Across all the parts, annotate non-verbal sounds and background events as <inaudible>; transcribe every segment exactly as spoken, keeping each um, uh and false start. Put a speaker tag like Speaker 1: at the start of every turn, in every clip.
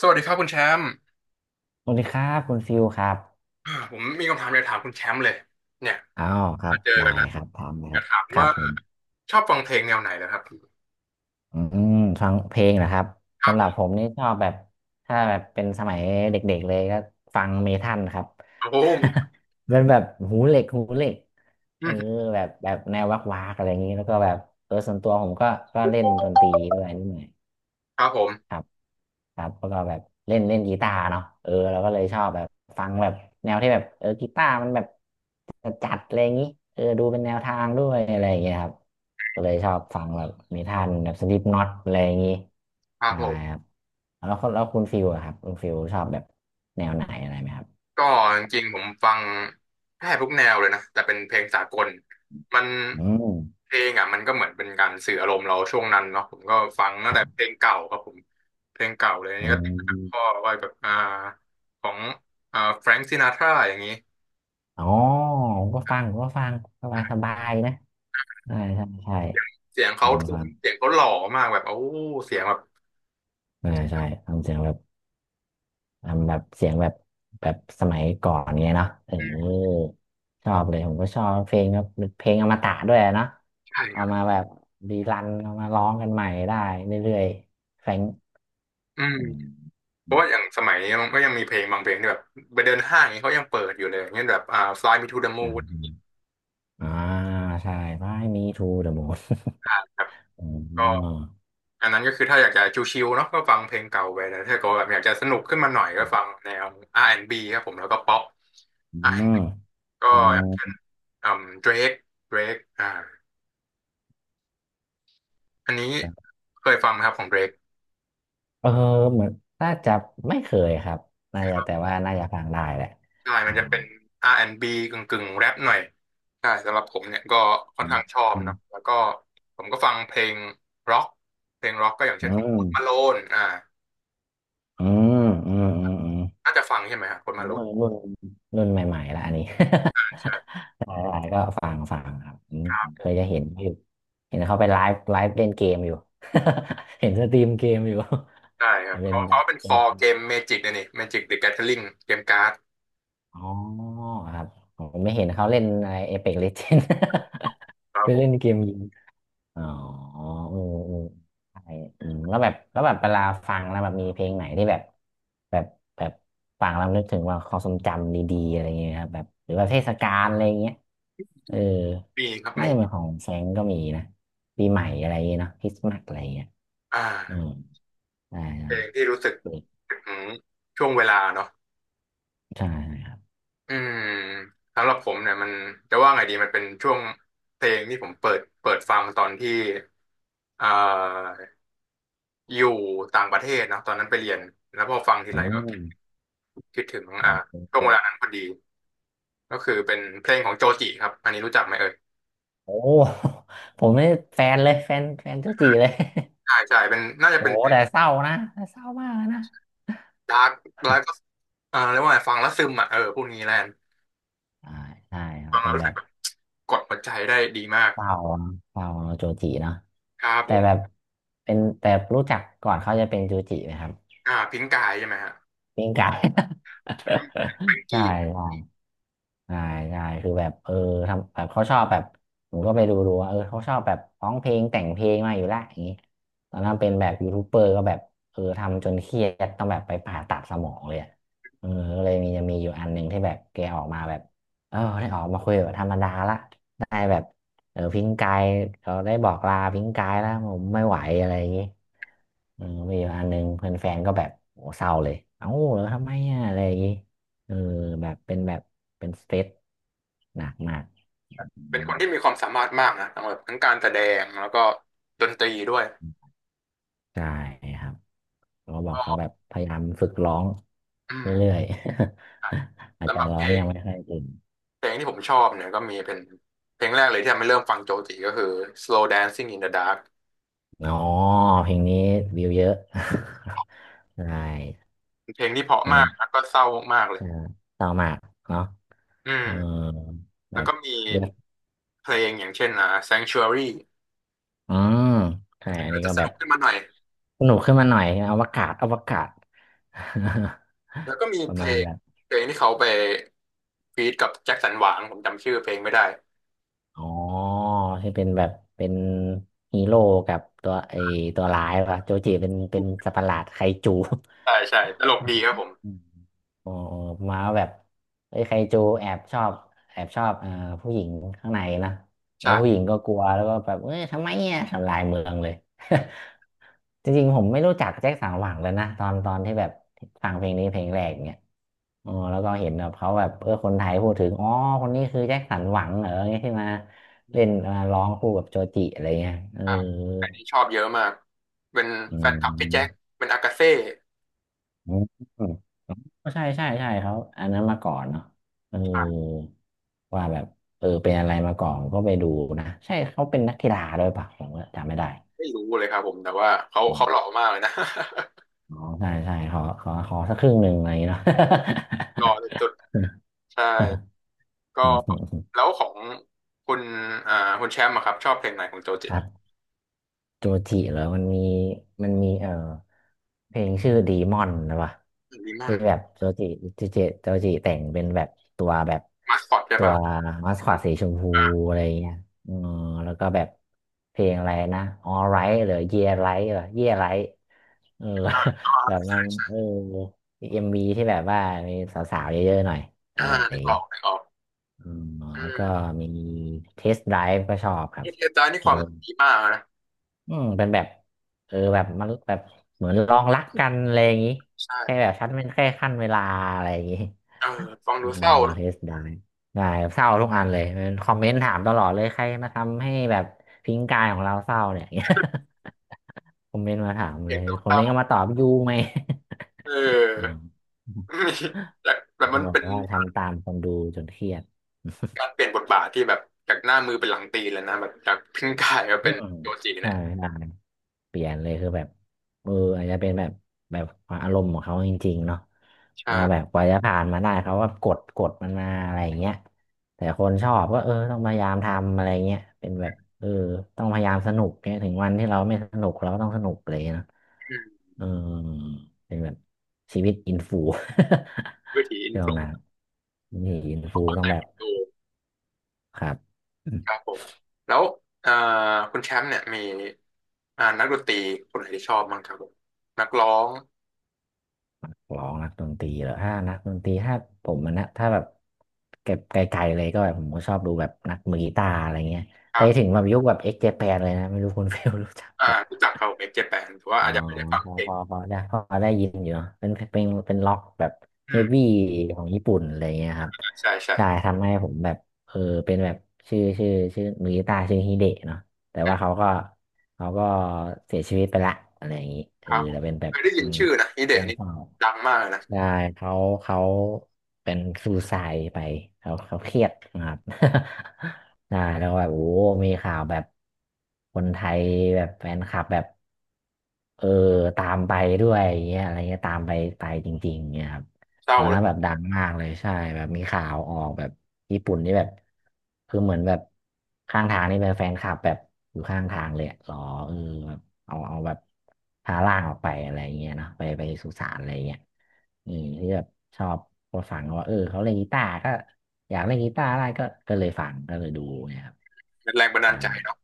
Speaker 1: สวัสดีครับคุณแชมป์
Speaker 2: สวัสดีครับคุณฟิลครับ
Speaker 1: อ่าผมมีคำถามอยากถามคุณแชมป์เลยเนี่ย
Speaker 2: อ้าวครั
Speaker 1: มา
Speaker 2: บ
Speaker 1: เจอ
Speaker 2: ได้
Speaker 1: กันแล้ว
Speaker 2: ครับพร้อมนะ
Speaker 1: อ
Speaker 2: ครั
Speaker 1: ยาก
Speaker 2: บ
Speaker 1: ถาม
Speaker 2: ครั
Speaker 1: ว่า
Speaker 2: บผม
Speaker 1: ชอบฟังเพลงแนวไหนเหรอครับ
Speaker 2: อืมฟังเพลงนะครับ
Speaker 1: ครับ
Speaker 2: สำห
Speaker 1: ผ
Speaker 2: รับผ
Speaker 1: ม
Speaker 2: มนี่ชอบแบบถ้าแบบเป็นสมัยเด็กๆเลยก็ฟังเมทัลครับ
Speaker 1: โอ้โหไม่
Speaker 2: <laughs> เป็นแบบหูเหล็กหูเหล็กเอ
Speaker 1: อื
Speaker 2: อ
Speaker 1: ม
Speaker 2: แบบแบบแนววักวากอะไรอย่างนี้แล้วก็แบบเออส่วนตัวผมก็ก็เล่นดนตรีด้วยนิดหน่อย
Speaker 1: ครับผ
Speaker 2: ค
Speaker 1: ม
Speaker 2: รับครับแล้วก็แบบเล่นเล่นกีตาร์เนาะเออเราก็เลยชอบแบบฟังแบบแนวที่แบบเออกีตาร์มันแบบจัดๆอะไรอย่างนี้เออดูเป็นแนวทางด้วยอะไรอย่างเงี้ยครับก็เลยชอบฟังแบบนิทานแบบสลิปน็อตอะไรอย่างงี้
Speaker 1: ครับ
Speaker 2: นะ
Speaker 1: ผ
Speaker 2: ค
Speaker 1: ม
Speaker 2: รับแล้วคนแล้วคุณฟิลอะครับคุณฟิลชอบแบบแนวไหนอะไรไหมครับ
Speaker 1: ก็จริงๆผมฟังแทบทุกแนวเลยนะแต่เป็นเพลงสากลมัน
Speaker 2: อืม
Speaker 1: เพลงอ่ะมันก็เหมือนเป็นการสื่ออารมณ์เราช่วงนั้นเนาะผมก็ฟัง
Speaker 2: ค
Speaker 1: ตั้ง
Speaker 2: รั
Speaker 1: แต่เพล
Speaker 2: บ
Speaker 1: งเก่าครับผมเพลงเก่าเลยอัน
Speaker 2: อื
Speaker 1: นี่ก็ติดมาจากพ่อ
Speaker 2: ม
Speaker 1: ว่าแบบอ่าของอ่าแฟรงซินาทราอย่างนี้
Speaker 2: อ๋อผมก็ฟังผมก็ฟังสบายสบายนะใช่ใช่ใช่
Speaker 1: เสียงเขา
Speaker 2: ฟัง
Speaker 1: ทุ้
Speaker 2: ฟั
Speaker 1: ม
Speaker 2: ง
Speaker 1: เสียงเขาหล่อมากแบบโอ้เสียงแบบ
Speaker 2: ใช่ใช่ทำเสียงแบบ ทำแบบเสียงแบบแบบสมัยก่อนเงี้ยเนาะเออชอบเลยผมก็ชอบเพลงแบบเพลงอมตะด้วยเนาะ
Speaker 1: ใช่ค
Speaker 2: เอา
Speaker 1: รับ
Speaker 2: มาแบบรีรันเอามาร้องกันใหม่ได้เรื่อยๆแฟง
Speaker 1: อืม
Speaker 2: อืม
Speaker 1: เพ
Speaker 2: อื
Speaker 1: ราะ
Speaker 2: ม
Speaker 1: ว่าอย่างสมัยนี้มันก็ยังมีเพลงบางเพลงที่แบบไปเดินห้างอย่างเงี้ยเขายังเปิดอยู่เลยอย่างเงี้ยแบบอ่า Fly Me to the
Speaker 2: อื
Speaker 1: Moon
Speaker 2: มอ่าใช่ไม่มีทูเด <laughs> อะมูน
Speaker 1: อ่าครับ
Speaker 2: อื
Speaker 1: ก็
Speaker 2: ม
Speaker 1: อันนั้นก็คือถ้าอยากจะชิลๆเนาะก็ฟังเพลงเก่าไปแต่ถ้าเก็แบบอยากจะสนุกขึ้นมาหน่อยก็ฟังแนว อาร์ แอนด์ บี ครับผมแล้วก็ป๊อป
Speaker 2: อืม
Speaker 1: อาร์ แอนด์ บี ก็
Speaker 2: อืม
Speaker 1: อืม Drake Drake อ่าอันนี้เคยฟังไหมครับของ Drake
Speaker 2: เออเหมือนน่าจะไม่เคยครับน่าจะแต่ว่าน่าจะฟังได้แหละ
Speaker 1: ใช่
Speaker 2: อื
Speaker 1: มันจะ
Speaker 2: ม
Speaker 1: เป็น อาร์ แอนด์ บี กึ่งกึ่งแรปหน่อยใช่สำหรับผมเนี่ยก็
Speaker 2: อ
Speaker 1: ค่อนข้างชอบ
Speaker 2: ืม
Speaker 1: นะแล้วก็ผมก็ฟังเพลงร็อกเพลงร็อกก็อย่าง
Speaker 2: อื
Speaker 1: เช่นของ
Speaker 2: ม
Speaker 1: พลมาโลนอ่า
Speaker 2: อืมอืมอืมอืม
Speaker 1: น่าจะฟังใช่ไหมครับพลมาโล
Speaker 2: รุ่
Speaker 1: น
Speaker 2: นรุ่นรุ่นใหม่ๆแล้วอันนี้
Speaker 1: ใช่
Speaker 2: <laughs> หลายๆก็ฟังฟังครับอืม
Speaker 1: ครับผ
Speaker 2: เคยจะ
Speaker 1: ม
Speaker 2: เห็นอยู่เห็นเขาไปไลฟ์ไลฟ์เล่นเกมอยู่ <laughs> เห็นสตรีมเกมอยู่
Speaker 1: ใช่ค
Speaker 2: <laughs> มั
Speaker 1: รับ
Speaker 2: นเป็น
Speaker 1: เขา
Speaker 2: แบ
Speaker 1: เขา
Speaker 2: บ
Speaker 1: เป็นค
Speaker 2: เป็น
Speaker 1: อเกมเมจิกนะนี่เมจิกเดอะแก t h ริ n งเกมการ์ด
Speaker 2: อ๋อครับผมไม่เห็นเขาเล่นอะไรเอเพ็กเลเจน
Speaker 1: ค
Speaker 2: <laughs>
Speaker 1: รั
Speaker 2: ไป
Speaker 1: บผ
Speaker 2: เล่
Speaker 1: ม
Speaker 2: นเกมยิง อ๋ออืมอืมใช่อืมแล้วแบบแล้วแบบเวลาฟังแล้วแบบมีเพลงไหนที่แบบแบบแบบฟังแล้วนึกถึงว่าความทรงจำดีๆอะไรอย่างเงี้ยครับแบบหรือว่าเทศกาลอะไรอย่างเงี้ยเออ
Speaker 1: มีครับ
Speaker 2: น่า
Speaker 1: มี
Speaker 2: จะเป็นของแฟรงก์ก็มีนะปีใหม่อะไรอย่างเงี้ยเนาะคริสต์มาสอะไรอย่างเงี้ย
Speaker 1: อ่
Speaker 2: อืม
Speaker 1: า
Speaker 2: ได้ได้
Speaker 1: เพลงที่รู้สึกถึงช่วงเวลาเนาะ
Speaker 2: ใช่ครับ
Speaker 1: อืมสำหรับผมเนี่ยมันจะว่าไงดีมันเป็นช่วงเพลงที่ผมเปิดเปิดฟังตอนที่อ่า อยู่ต่างประเทศเนอะตอนนั้นไปเรียนแล้วพอฟังที
Speaker 2: อื
Speaker 1: ไรก็
Speaker 2: ม
Speaker 1: คิดถึง
Speaker 2: โอ
Speaker 1: อ่าช่
Speaker 2: เค
Speaker 1: วงเวลานั้นพอดีก็คือเป็นเพลงของโจจิครับอันนี้รู้จักไหมเอ่ย
Speaker 2: โอ้ผมนี่แฟนเลยแฟนแฟนเจ้าจีเลย
Speaker 1: ใช่ใช่เป็นน่า
Speaker 2: <laughs>
Speaker 1: จะ
Speaker 2: โอ้
Speaker 1: เป็น
Speaker 2: แต่เศร้านะแต่เศร้ามากเลยนะ
Speaker 1: ดาร์กแล้วก็อ่าเรียกว่าไงฟังแล้วซึมอ่ะเออพูดงี้แลน
Speaker 2: ใช่ใช่ครับ
Speaker 1: ฟัง
Speaker 2: เป็
Speaker 1: แล้ว
Speaker 2: น
Speaker 1: รู้
Speaker 2: แบ
Speaker 1: สึ
Speaker 2: บ
Speaker 1: กแบบกดหัวใจได้ดีมาก
Speaker 2: เปล่าเปล่าโจจิเนาะ
Speaker 1: ครับ
Speaker 2: แต่
Speaker 1: ผม
Speaker 2: แบบเป็นแต่รู้จักก่อนเขาจะเป็นจูจินะครับ
Speaker 1: อ่าพิงกายใช่ไหมฮะ
Speaker 2: ปิ้งไก่
Speaker 1: แล้วก็มีแฟรง
Speaker 2: <laughs> ใช่
Speaker 1: กี้
Speaker 2: ใช่ ใช่ใช่คือแบบเออทำแบบเขาชอบแบบผมก็ไปดูดูว่าเออเขาชอบแบบร้องเพลงแต่งเพลงมาอยู่แลวอย่างนี้ตอนนั้นเป็นแบบยูทูบเบอร์ก็แบบเออทำจนเครียดต้องแบบไปผ่าตัดสมองเลยอะเออก็เลยมีจะมีอยู่อันหนึ่งที่แบบแกออกมาแบบเออได้ออกมาคุยแบบธรรมดาละได้แบบเออพิงกายเขาได้บอกลาพิงกายแล้วผมไม่ไหวอะไรอย่างนี้เออมีอยู่อันหนึ่งเพื่อนแฟนก็แบบโหเศร้าเลยเอ้าแล้วทำไมอะอะไรอย่างนี้ เออแบบเป็นแบบเป็นสเตรสหนักมากอื
Speaker 1: เป็น
Speaker 2: ม
Speaker 1: คนที่มีความสามารถมากนะทั้งแบบทั้งการแสดงแล้วก็ดนตรีด้วย
Speaker 2: ใช่ครับเราบอกเขาแบ
Speaker 1: ก็
Speaker 2: บพยายามฝึกร้อง
Speaker 1: อื
Speaker 2: เรื่อ
Speaker 1: ม
Speaker 2: ยๆ <laughs> อาจ
Speaker 1: สำ
Speaker 2: จะ
Speaker 1: หรับ
Speaker 2: ร้อ
Speaker 1: เพ
Speaker 2: ง
Speaker 1: ลง
Speaker 2: ยังไม่ค่อยเก่ง
Speaker 1: เพลงที่ผมชอบเนี่ยก็มีเป็นเพลงแรกเลยที่ทำให้เริ่มฟังโจจิก็คือ Slow Dancing in the Dark
Speaker 2: อ๋อเพลงนี้วิวเยอะ <laughs> ใช่
Speaker 1: เพลงที่เพราะ
Speaker 2: เพล
Speaker 1: มา
Speaker 2: ง
Speaker 1: กแล้วก็เศร้ามากเลย
Speaker 2: เอ่อเต่ามากเนาะ
Speaker 1: อื
Speaker 2: เออ
Speaker 1: ม
Speaker 2: แบ
Speaker 1: แล้ว
Speaker 2: บ
Speaker 1: ก็มี
Speaker 2: เลือก
Speaker 1: เพลงอย่างเช่นอ่า Sanctuary
Speaker 2: อืมใช่อัน
Speaker 1: ก็
Speaker 2: นี้
Speaker 1: จะ
Speaker 2: ก็
Speaker 1: ส
Speaker 2: แบบ
Speaker 1: นุกขึ้นมาหน่อย
Speaker 2: สนุกขึ้นมาหน่อยอวกาศอวกาศ
Speaker 1: แล้วก็มี
Speaker 2: <laughs> ประ
Speaker 1: เพล
Speaker 2: มาณ
Speaker 1: ง
Speaker 2: แบบ
Speaker 1: เพลงที่เขาไปฟีดกับแจ็คสันหวังผมจำชื่อเพลงไม่ได้
Speaker 2: อ๋อที่เป็นแบบเป็นฮีโร่กับตัวไอตัวร้ายป่ะโจจิเป็นเป็นสัตว์ประหลาดไคจู
Speaker 1: ใช่ใช่ตลกดีครับผม
Speaker 2: <laughs> อืม อ๋ออ๋อมาแบบไอ้ยไคจูแอบชอบแอบชอบเอ่อผู้หญิงข้างในนะแล้วผู้หญิ
Speaker 1: ใช่
Speaker 2: งก็กลัวแล้วก็แบบเอ้ยทำไมเนี่ยทำลายเมืองเลย <laughs> จริงๆผมไม่รู้จักแจ็คสันหวังเลยนะตอนตอนที่แบบฟังเพลงนี้เพลงแรกเนี่ยอ๋อแล้วก็เห็นแบบเขาแบบเออคนไทยพูดถึงอ๋อคนนี้คือแจ็คสันหวังเหรอเนี่ยที่มาเล่นมาร้องคู่กับโจจิอะไรเงี้ยเออ
Speaker 1: อ่าใครที่ชอบเยอะมาก เป็น
Speaker 2: อ
Speaker 1: แฟนคลับพี่แจ็
Speaker 2: ื
Speaker 1: ค เป็นอากาเซ่
Speaker 2: ม ก็ใช่ใช่ใช่เขาอันนั้นมาก่อนเนาะเออว่าแบบเออเป็นอะไรมาก่อนก็ไปดูนะใช่เขาเป็นนักกีฬาด้วยปะผมก็จำไม่ได้
Speaker 1: ไม่รู้เลยครับผมแต่ว่าเขา
Speaker 2: อม
Speaker 1: เขาหล่อมากเลยนะ
Speaker 2: อ๋อใช่ใช่ขอขอขอสักครึ่งหนึ่งอะไรอย่างเงี้ยเนาะ <laughs>
Speaker 1: <laughs> หล่อสุดๆใช่ ก็แล้วของคุณอ่าคุณแชมป์อะครับชอบเพลงไหนของโจจิ
Speaker 2: ครับ โจจิเหรอมันมีมันมีเอ่อเพลงชื่อดีมอนนะวะ
Speaker 1: ดีมอ
Speaker 2: ที่
Speaker 1: น
Speaker 2: แบบโจจิโจจิโจจิแต่งเป็นแบบตัวแบบ
Speaker 1: มาสคอตใช่
Speaker 2: ตัว
Speaker 1: ป่ะ
Speaker 2: มัสคอตสีชมพู
Speaker 1: อ่า
Speaker 2: อะไรเงี้ยอืมแล้วก็แบบเพลงอะไรนะ All Right หรือ Yeah Right เหรอ Yeah Right เออ <laughs> แบบมันเออเอ็มบีที่แบบว่ามีสาวๆเยอะๆหน่อยอะ
Speaker 1: อ่า
Speaker 2: ไรอ
Speaker 1: นึ
Speaker 2: ย่า
Speaker 1: ก
Speaker 2: ง
Speaker 1: อ
Speaker 2: งี้
Speaker 1: อกนึกออก
Speaker 2: อืม
Speaker 1: อื
Speaker 2: แล้วก็
Speaker 1: ม
Speaker 2: มีเทสได v e ก็ชอบครั
Speaker 1: เอ
Speaker 2: บ
Speaker 1: เทตานี่
Speaker 2: เอ
Speaker 1: ค
Speaker 2: อ
Speaker 1: วามดีมากนะ
Speaker 2: อืมเป็นแบบเออแบบมันแบบเหมือนลองรักกันอะไรอย่างงี้
Speaker 1: ใช่
Speaker 2: แค่แบบชั้นเป็นแค่ขั้นเวลาอะไรอย่างงี้
Speaker 1: เออฟัง
Speaker 2: <laughs> เออ
Speaker 1: ดูเศร้านะ
Speaker 2: เทสได้ได้เศร้าทุกอันเลยเป็นคอมเมนต์ถามตลอดเลยใครมาทำให้แบบทิ้งกายของเราเศร้าเนี่ย <laughs> คอมเมนต์มาถาม
Speaker 1: เพ
Speaker 2: เล
Speaker 1: ลง
Speaker 2: ยคอม
Speaker 1: เศ
Speaker 2: เม
Speaker 1: ร้า
Speaker 2: นต์ก็มาตอบยูไหม
Speaker 1: ๆเอ
Speaker 2: <laughs> อื
Speaker 1: อ
Speaker 2: ม
Speaker 1: <laughs> มีแต่แต่มัน
Speaker 2: <laughs> บอก
Speaker 1: เป็น
Speaker 2: ว่าทำตามคนดูจนเครียด
Speaker 1: การเปลี่ยนบทบาทที่แบบจากหน้ามือเป็นหลังตีแเลยนะแบบจากพิงกายมา
Speaker 2: <laughs> อื
Speaker 1: เป็น
Speaker 2: ม
Speaker 1: โจจิ
Speaker 2: ใช
Speaker 1: เนี่ย
Speaker 2: ่ เปลี่ยนเลยคือแบบเอออาจจะเป็นแบบแบบอารมณ์ของเขาจริงๆเนาะว่าแบบ
Speaker 1: ใช่
Speaker 2: กว่าจะผ่านมาได้เขาว่ากดกดมันมาอะไรอย่างเงี้ยแต่คนชอบก็เออต้องพยายามทำอะไรเงี้ยเป็นแบบเออต้องพยายามสนุกเนี่ยถึงวันที่เราไม่สนุกเราก็ต้องสนุกเลยเนาะ
Speaker 1: อืม
Speaker 2: เออเป็นแบบชีวิตอินฟู
Speaker 1: วิถี
Speaker 2: <laughs>
Speaker 1: อิน
Speaker 2: ช่ว
Speaker 1: ฟ
Speaker 2: ง
Speaker 1: ล
Speaker 2: นั้นนี่อินฟูต้องแบบ
Speaker 1: ู
Speaker 2: ครับ
Speaker 1: ครับผมแล้วเอ่อคุณแชมป์เนี่ยมีอ่านักดนตรีคนไหนที่ชอบบ้างครับผมนักร้อง
Speaker 2: ร้องนักดนตรีเหรอถ้านักดนตรีถ้าผมมันนะถ้าแบบเก็บไกลๆเลยก็แบบผมก็ชอบดูแบบนักมือกีตาร์อะไรเงี้ย
Speaker 1: ค
Speaker 2: ไป
Speaker 1: รั
Speaker 2: ถึ
Speaker 1: บ
Speaker 2: งแบบยุคแบบเอ็กเจแปนเลยนะไม่รู้คุณ <laughs> เฟลรู้จัก
Speaker 1: อ่า
Speaker 2: แบบ
Speaker 1: รู้จักครับผมเอ็กเจแปนแต่ว่า
Speaker 2: อ๋อ
Speaker 1: อาจจะไม่ได้ฟัง
Speaker 2: พอ
Speaker 1: เพล
Speaker 2: พ
Speaker 1: ง
Speaker 2: อพอได้พอได้ยินอยู่เนอะเป็นเป็นเป็นล็อกแบบ
Speaker 1: อื
Speaker 2: เฮฟ
Speaker 1: ม
Speaker 2: วี่ของญี่ปุ่นอะไรเงี้ยครับ
Speaker 1: ใช่ใช่
Speaker 2: ใช่ทำให้ผมแบบเออเป็นแบบชื่อชื่อชื่อมือกีตาร์ชื่อฮิเดะเนาะแต่
Speaker 1: อื
Speaker 2: ว่า
Speaker 1: ม
Speaker 2: เขาก็เขาก็เสียชีวิตไปละอะไรอย่างงี้เอ
Speaker 1: ค
Speaker 2: อ
Speaker 1: รับผ
Speaker 2: แต่
Speaker 1: ม
Speaker 2: เป็นแบ
Speaker 1: เค
Speaker 2: บ
Speaker 1: ยได้ยิ
Speaker 2: เป็
Speaker 1: น
Speaker 2: น
Speaker 1: ชื่อนะฮิ
Speaker 2: เรื่
Speaker 1: เดะ
Speaker 2: อง
Speaker 1: นี่
Speaker 2: เศร้า
Speaker 1: ดังมากเลยนะ
Speaker 2: ใช่เขาเขาเป็นซูไซด์ไปเขาเขาเครียดนะครับ <laughs> ใช่แล้วแบบโอ้มีข่าวแบบคนไทยแบบแฟนคลับแบบเออตามไปด้วยอย่างเงี้ยอะไรเงี้ยตามไปไปจริงๆเงี้ยครับ
Speaker 1: เศ
Speaker 2: ต
Speaker 1: ร้า
Speaker 2: อน
Speaker 1: เล
Speaker 2: นั้น
Speaker 1: ย
Speaker 2: แบบดังมากเลยใช่แบบมีข่าวออกแบบญี่ปุ่นนี่แบบคือเหมือนแบบข้างทางนี่เป็นแฟนคลับแบบอยู่ข้างทางเลยอะรอเออแบบเอาเอาแบบพาร่างออกไปอะไรอย่างเงี้ยเนาะไปไปสุสานอะไรอย่างเงี้ยอืมที่แบบชอบก็ฟังว่าเออเขาเล่นกีตาร์ก็อยากเล่นกีตาร์ได้ก็ก็เลยฟังก็เลยดูเนี่ยครับ
Speaker 1: เป็นแรงบันดาล
Speaker 2: ได้
Speaker 1: ใจเนาะ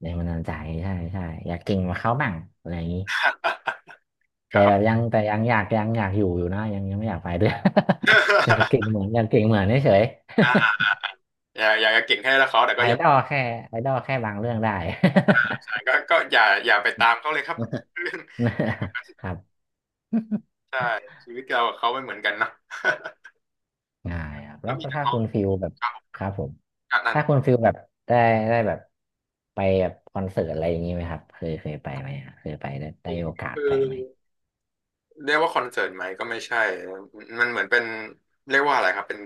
Speaker 2: แรงบันดาลใจใช่ใช่อยากเก่งกว่าเขาบ้างอะไรอย่างงี้
Speaker 1: <laughs> ค
Speaker 2: แต่
Speaker 1: รั
Speaker 2: แบ
Speaker 1: บ
Speaker 2: บยังแต่ยังอยากยังอยากอยู่อยู่นะยังยังไม่อยากไปด้วย <laughs> อยาก
Speaker 1: <laughs>
Speaker 2: เก่งเหมือนอยากเก่งเหมือนเฉยๆ
Speaker 1: อย่าอย่าเก่งแค่และเขาแต่
Speaker 2: <laughs>
Speaker 1: ก็
Speaker 2: ไอ
Speaker 1: ยัง
Speaker 2: ดอลแค่ไอดอลแค่บางเรื่องได้
Speaker 1: ใช่ก็ก็อย่าอย่าไปตามเขาเลยครับ <laughs> เรื่องเรื่อง
Speaker 2: <laughs> ครับ
Speaker 1: ใช่
Speaker 2: <laughs>
Speaker 1: ชีวิตเรากับเขาไม่เหมือนกันเนอะ
Speaker 2: ง่ายครับ
Speaker 1: <laughs>
Speaker 2: แล้
Speaker 1: แล้
Speaker 2: ว
Speaker 1: วมีนัก
Speaker 2: ถ้า
Speaker 1: ร้อ
Speaker 2: คุ
Speaker 1: ง
Speaker 2: ณฟิลแบบ
Speaker 1: ครับผม
Speaker 2: ครับผม
Speaker 1: อ่ะนั่น
Speaker 2: ถ้าคุณฟิลแบบได้ได้แบบไปแบบคอนเสิร์ตอะไรอย่างนี้ไหมครับเคยเคยไปไหมฮะเคยไปได้ได้โอกาส
Speaker 1: คือ
Speaker 2: ไปไหม
Speaker 1: เรียกว่าคอนเสิร์ตไหมก็ไม่ใช่ มันเหมือนเป็นเรียกว่าอะไรครับเป็น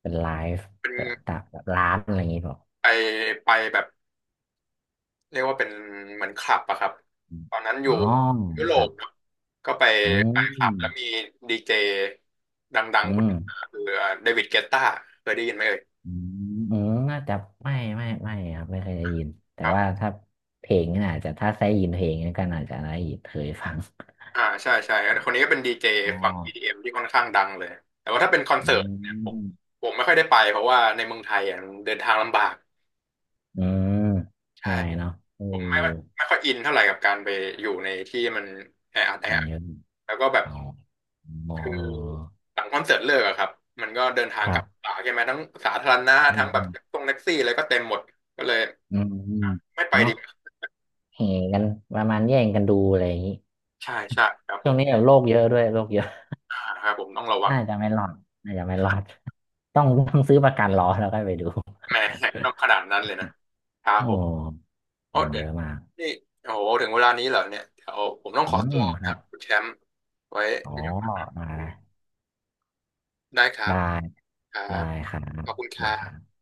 Speaker 2: เป็นไลฟ์
Speaker 1: เป็
Speaker 2: เอ่อ
Speaker 1: น
Speaker 2: ตามแบบร้านอะไรอย่างนี้เปล่า
Speaker 1: ไปไปแบบเรียกว่าเป็นเหมือนคลับอะครับ
Speaker 2: อม
Speaker 1: ตอนนั้นอ
Speaker 2: อ๋
Speaker 1: ยู่
Speaker 2: อ
Speaker 1: ยุโร
Speaker 2: ครั
Speaker 1: ป
Speaker 2: บ
Speaker 1: ครับก็ไป
Speaker 2: อื
Speaker 1: ไปคลั
Speaker 2: ม
Speaker 1: บแล้วมีดีเจดัง
Speaker 2: อื
Speaker 1: ๆคน
Speaker 2: ม
Speaker 1: หนึงคือเดวิดเกตตาเคยได้ยินไหมเอ่ย
Speaker 2: อืมเออน่าจะไม่ไม่ไม่ครับไม่เคยได้ยินแต่
Speaker 1: ครั
Speaker 2: ว่า
Speaker 1: บ
Speaker 2: ถ้าเพลงนี่อาจจะถ้าได้ยินเพลงนี่ก็อาจจะได้ยินเคยฟัง
Speaker 1: อ่าใช่ใช่คนนี้ก็เป็นดีเจ
Speaker 2: อ๋อ
Speaker 1: ฝั่งอดีเอ็มที่ค่อนข้างดังเลยแต่ว่าถ้าเป็นคอน
Speaker 2: อื
Speaker 1: เสิร์ตเนี่ยผม
Speaker 2: ม
Speaker 1: ผมไม่ค่อยได้ไปเพราะว่าในเมืองไทยอ่ะมันเดินทางลำบาก
Speaker 2: เออ
Speaker 1: ใช่
Speaker 2: ได้เนาะเออ
Speaker 1: ผมไม่ค่อยไม่ค่อยอินเท่าไหร่กับการไปอยู่ในที่มันแออัด
Speaker 2: ข
Speaker 1: แอ
Speaker 2: อง
Speaker 1: อัด
Speaker 2: เยอะ
Speaker 1: แล้วก็แบบ
Speaker 2: อ๋อหมอ
Speaker 1: คือ
Speaker 2: เออ
Speaker 1: หลังคอนเสิร์ตเลิกอะครับมันก็เดินทา
Speaker 2: ค
Speaker 1: งก
Speaker 2: รั
Speaker 1: ลับ
Speaker 2: บ
Speaker 1: ป่าใช่ไหมทั้งสาธารณะ
Speaker 2: อื
Speaker 1: ทั้งแบบต
Speaker 2: ม
Speaker 1: รงแท็กซี่อะไรก็เต็มหมดก็เลย
Speaker 2: อืมอืม
Speaker 1: ไม่ไป
Speaker 2: เนาะ
Speaker 1: ดีกว่า
Speaker 2: แห่กันประมาณแย่งกันดูอะไรอย่างนี้
Speaker 1: ใช่ใช่ครับผ
Speaker 2: ช่วง
Speaker 1: ม
Speaker 2: นี้แบบโรคเยอะด้วยโรคเยอะ
Speaker 1: อ่าครับผมต้องระวัง
Speaker 2: น่าจะไม่รอดน่าจะไม่รอดต้องต้องซื้อประกันรอแล้วก็ไปดู
Speaker 1: แหมต้องขนาดนั้นเลยนะครั
Speaker 2: <laughs>
Speaker 1: บ
Speaker 2: โอ้
Speaker 1: ผม
Speaker 2: ค
Speaker 1: โอ้
Speaker 2: น
Speaker 1: เดี๋
Speaker 2: เย
Speaker 1: ยว
Speaker 2: อะมาก
Speaker 1: นี่โอ้โหถึงเวลานี้เหรอเนี่ยเดี๋ยวผมต้อง
Speaker 2: อื
Speaker 1: ขอตั
Speaker 2: ม
Speaker 1: ว
Speaker 2: ค
Speaker 1: ค
Speaker 2: รั
Speaker 1: รั
Speaker 2: บ
Speaker 1: บคุณแชมป์ไว้
Speaker 2: อ๋อ
Speaker 1: มีโอกาส
Speaker 2: มาล้
Speaker 1: คุยกันได้ครับ
Speaker 2: ได้
Speaker 1: ครั
Speaker 2: ได้
Speaker 1: บ
Speaker 2: ครับ
Speaker 1: ขอบคุ
Speaker 2: โอ
Speaker 1: ณค
Speaker 2: เค
Speaker 1: รั
Speaker 2: ครั
Speaker 1: บ
Speaker 2: บ